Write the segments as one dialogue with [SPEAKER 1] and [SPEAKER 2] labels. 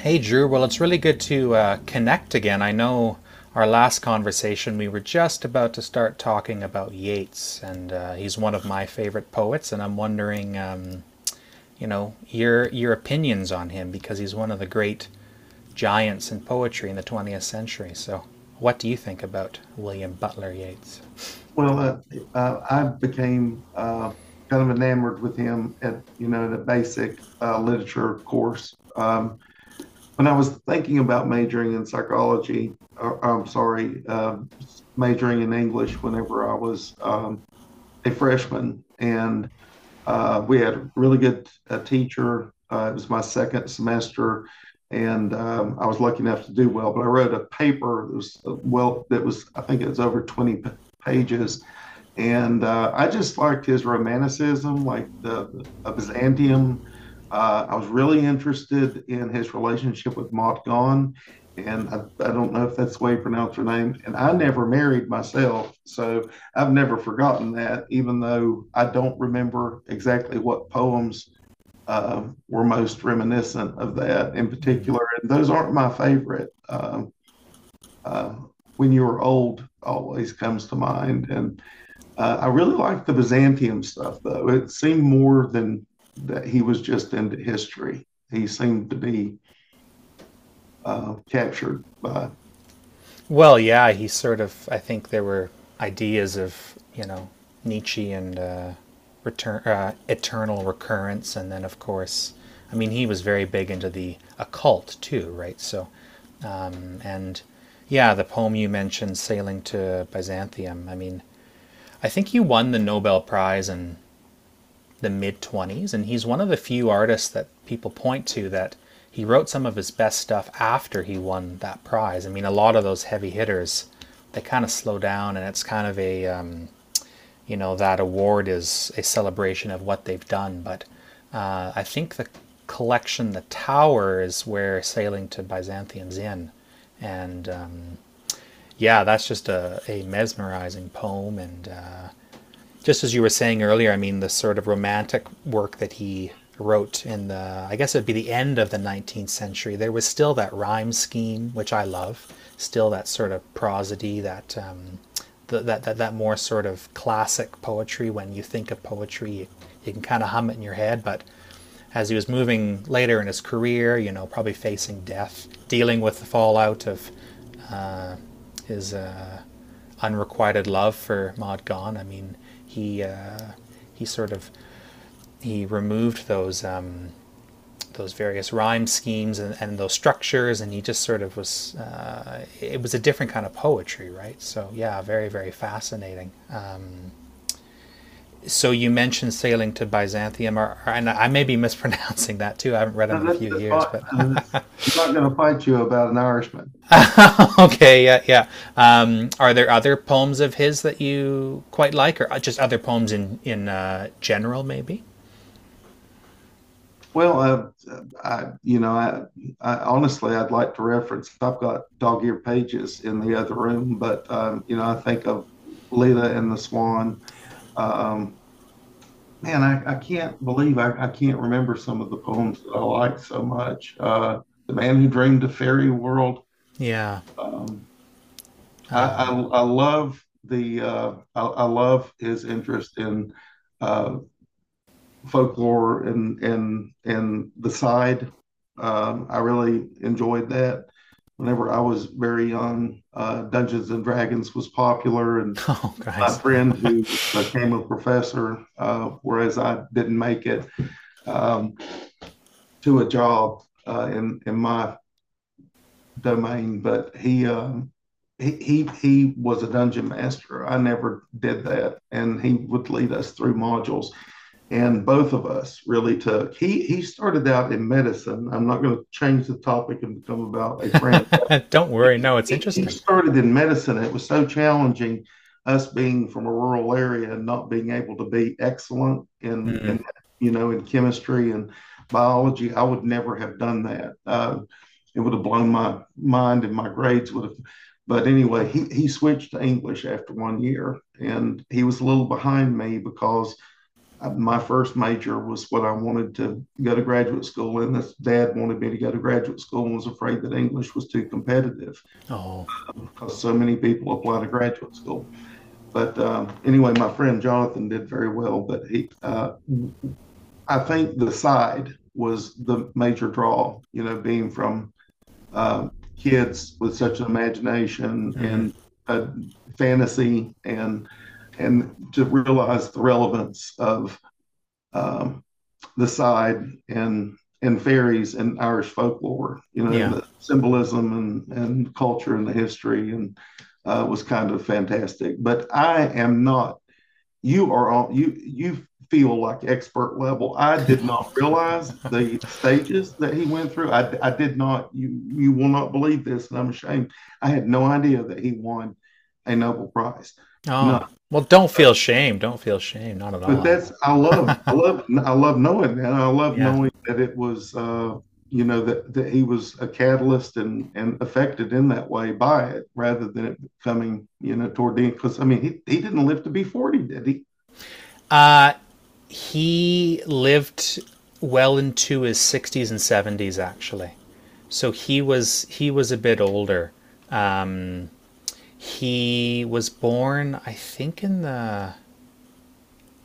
[SPEAKER 1] Hey, Drew. Well, it's really good to connect again. I know our last conversation, we were just about to start talking about Yeats, and he's one of my favorite poets. And I'm wondering, your opinions on him because he's one of the great giants in poetry in the 20th century. So, what do you think about William Butler Yeats?
[SPEAKER 2] Well, uh, I became kind of enamored with him at the basic literature course. When I was thinking about majoring in psychology, or, I'm sorry, majoring in English whenever I was a freshman, and we had a really good teacher. It was my second semester, and I was lucky enough to do well. But I wrote a paper that was I think it was over 20 pages, and I just liked his romanticism, like the Byzantium. I was really interested in his relationship with Maud Gonne, and I don't know if that's the way you pronounce her name. And I never married myself, so I've never forgotten that, even though I don't remember exactly what poems were most reminiscent of that in
[SPEAKER 1] Mm.
[SPEAKER 2] particular. And those aren't my favorite. Uh, when you are old always comes to mind, and I really liked the Byzantium stuff, though. It seemed more than that he was just into history. He seemed to be captured by.
[SPEAKER 1] Well, yeah, he sort of. I think there were ideas of you know Nietzsche and return eternal recurrence, and then of course, I mean, he was very big into the occult too, right? So and Yeah, the poem you mentioned, "Sailing to Byzantium." I mean, I think he won the Nobel Prize in the mid 20s, and he's one of the few artists that people point to that he wrote some of his best stuff after he won that prize. I mean, a lot of those heavy hitters, they kind of slow down, and it's kind of a, you know, that award is a celebration of what they've done. But I think the collection, The Tower, is where Sailing to Byzantium's in. And Yeah, that's just a mesmerizing poem, and just as you were saying earlier, I mean, the sort of romantic work that he wrote in the, I guess it'd be the end of the 19th century, there was still that rhyme scheme, which I love, still that sort of prosody, that. Th that, that, that more sort of classic poetry. When you think of you can kind of hum it in your head, but as he was moving later in his career, you know, probably facing death, dealing with the fallout of his unrequited love for Maud Gonne. I mean, he uh, he he removed those various rhyme schemes, and those structures, and he just sort of was it was a different kind of poetry, right? So yeah, very very fascinating. So you mentioned sailing to Byzantium, and I may be mispronouncing that too. I haven't read him
[SPEAKER 2] No,
[SPEAKER 1] in a few
[SPEAKER 2] that's
[SPEAKER 1] years,
[SPEAKER 2] fine.
[SPEAKER 1] but
[SPEAKER 2] Uh, I'm not going to fight you about an Irishman.
[SPEAKER 1] okay, yeah, yeah. Are there other poems of his that you quite like, or just other poems in general, maybe?
[SPEAKER 2] Well, uh, I, you know, I, I honestly, I'd like to reference. I've got dog ear pages in the other room, but I think of Lita and the Swan. uh, Um, Man, I can't believe I can't remember some of the poems that I like so much. The Man Who Dreamed a Fairy World.
[SPEAKER 1] Yeah.
[SPEAKER 2] Um,
[SPEAKER 1] Um.
[SPEAKER 2] I love the I love his interest in uh, folklore and and the side. I really enjoyed that. Whenever I was very young, Dungeons and Dragons was popular, and
[SPEAKER 1] Oh,
[SPEAKER 2] my
[SPEAKER 1] guys.
[SPEAKER 2] friend who became a professor, whereas I didn't make it, um, to a job in my domain, but he was a dungeon master. I never did that, and he would lead us through modules. And both of us really took. He started out in medicine. I'm not going to change the topic and become about a friend.
[SPEAKER 1] Don't worry. No, it's
[SPEAKER 2] He
[SPEAKER 1] interesting.
[SPEAKER 2] started in medicine. It was so challenging, us being from a rural area and not being able to be excellent
[SPEAKER 1] Mm.
[SPEAKER 2] in, you know, in chemistry and biology. I would never have done that. It would have blown my mind, and my grades would have. But anyway, he switched to English after 1 year, and he was a little behind me because my first major was what I wanted to go to graduate school in. His dad wanted me to go to graduate school and was afraid that English was too competitive
[SPEAKER 1] Oh,
[SPEAKER 2] because so many people apply to graduate school. But anyway, my friend Jonathan did very well, but I think the side was the major draw, you know, being from uh, kids with such an imagination
[SPEAKER 1] mm.
[SPEAKER 2] and a fantasy and to realize the relevance of um, the side and and fairies and Irish folklore, you know, and
[SPEAKER 1] Yeah.
[SPEAKER 2] the symbolism and culture and the history, and was kind of fantastic. But I am not. You are on. You feel like expert level. I did not realize the stages that he went through. I did not. You will not believe this, and I'm ashamed. I had no idea that he won a Nobel Prize. None.
[SPEAKER 1] Oh, well, don't feel shame. Don't feel shame. Not at all.
[SPEAKER 2] But
[SPEAKER 1] I mean,
[SPEAKER 2] that's, I love knowing that. I love
[SPEAKER 1] yeah.
[SPEAKER 2] knowing that it was, you know, that that he was a catalyst and affected in that way by it rather than it becoming, you know, toward the end, because I mean he didn't live to be 40, did he?
[SPEAKER 1] Uh, he lived well into his 60s and 70s, actually. So he was a bit older. Um, he was born, I think, in the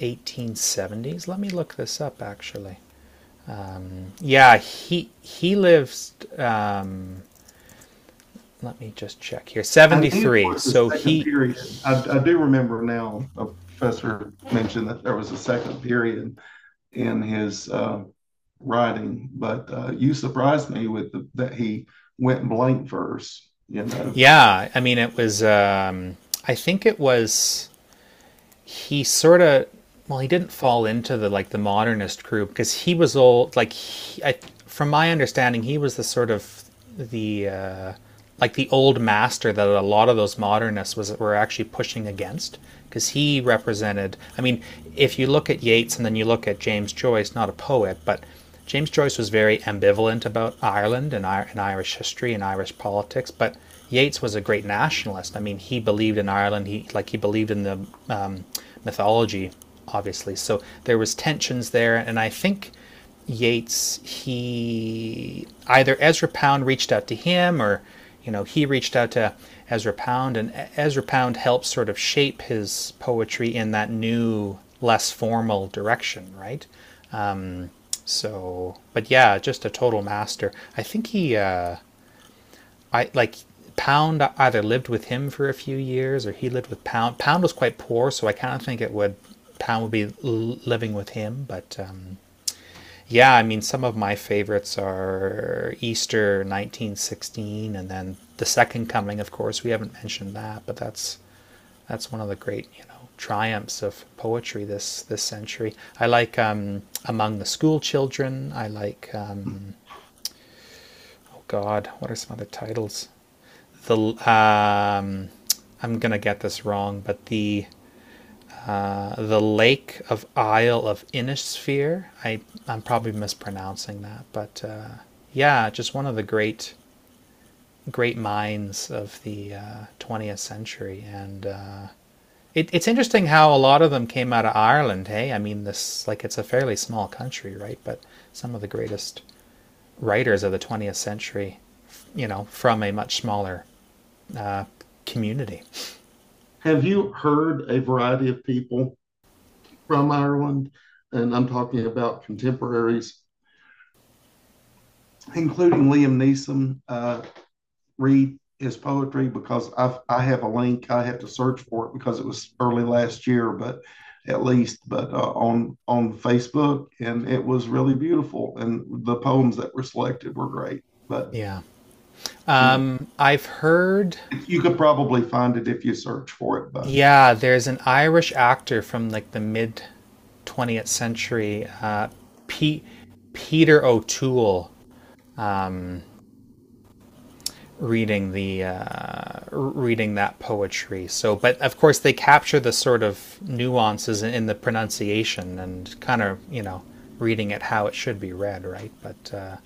[SPEAKER 1] 1870s. Let me look this up, actually. Yeah, he lived. Let me just check here.
[SPEAKER 2] I knew it
[SPEAKER 1] 73,
[SPEAKER 2] was the
[SPEAKER 1] so
[SPEAKER 2] second
[SPEAKER 1] he
[SPEAKER 2] period. I do remember now. A professor mentioned that there was a second period in his writing, but you surprised me with that he went blank verse. You know,
[SPEAKER 1] yeah, I mean, it was I think it was he sort of well he didn't fall into the modernist crew because he was old like he, I, from my understanding he was the sort of the like the old master that a lot of those modernists was were actually pushing against because he represented. I mean, if you look at Yeats and then you look at James Joyce, not a poet, but James Joyce was very ambivalent about Ireland, and Irish history and Irish politics, but Yeats was a great nationalist. I mean, he believed in Ireland. He believed in the um, mythology, obviously. So there was tensions there, and I think Yeats he either Ezra Pound reached out to him, or he reached out to Ezra Pound, and Ezra Pound helped sort of shape his poetry in that new, less formal direction, right? So, but yeah, just a total master. I like Pound either lived with him for a few years, or he lived with Pound. Pound was quite poor, so I kind of think it would. Pound would be living with him. But Yeah, I mean, some of my favorites are Easter 1916, and then the Second Coming. Of course, we haven't mentioned that, but that's one of the great triumphs of poetry this century. I like Among the School Children. I like. God, what are some other titles? The I'm gonna get this wrong, but the Lake of Isle of Innisphere. I'm probably mispronouncing that, but yeah, just one of the great great minds of the 20th century, and it's interesting how a lot of them came out of Ireland. Hey, I mean this, like, it's a fairly small country, right? But some of the greatest writers of the 20th century, you know, from a much smaller uh, community.
[SPEAKER 2] have you heard a variety of people from Ireland? And I'm talking about contemporaries, including Liam Neeson. Read his poetry because I have a link. I had to search for it because it was early last year, but at least, but on Facebook, and it was really beautiful. And the poems that were selected were great. But
[SPEAKER 1] Yeah.
[SPEAKER 2] anyway,
[SPEAKER 1] Um, I've heard,
[SPEAKER 2] you could probably find it if you search for it. But
[SPEAKER 1] yeah, there's an Irish actor from like the mid 20th century, Pete, Peter O'Toole, reading the reading that poetry. So, but of course, they capture the sort of nuances in the pronunciation and kind of reading it how it should be read, right? But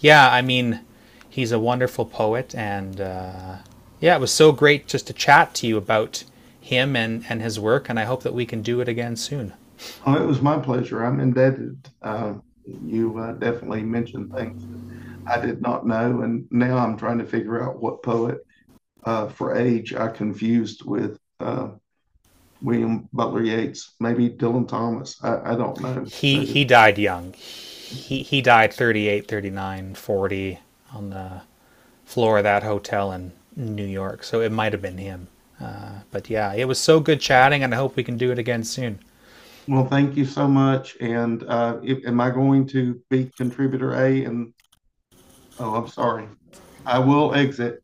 [SPEAKER 1] yeah, I mean, he's a wonderful poet, and yeah, it was so great just to chat to you about him and his work, and I hope that we can do it again soon.
[SPEAKER 2] oh, it was my pleasure. I'm indebted. You definitely mentioned things I did not know. And now I'm trying to figure out what poet for age I confused with William Butler Yeats, maybe Dylan Thomas. I don't know.
[SPEAKER 1] He
[SPEAKER 2] There's,
[SPEAKER 1] he died young. He died 38, 39, 40 on the floor of that hotel in New York. So it might have been him. But yeah, it was so good chatting, and I hope we can do it again soon.
[SPEAKER 2] well, thank you so much. And if, am I going to be contributor A? And oh, I'm sorry. I will exit.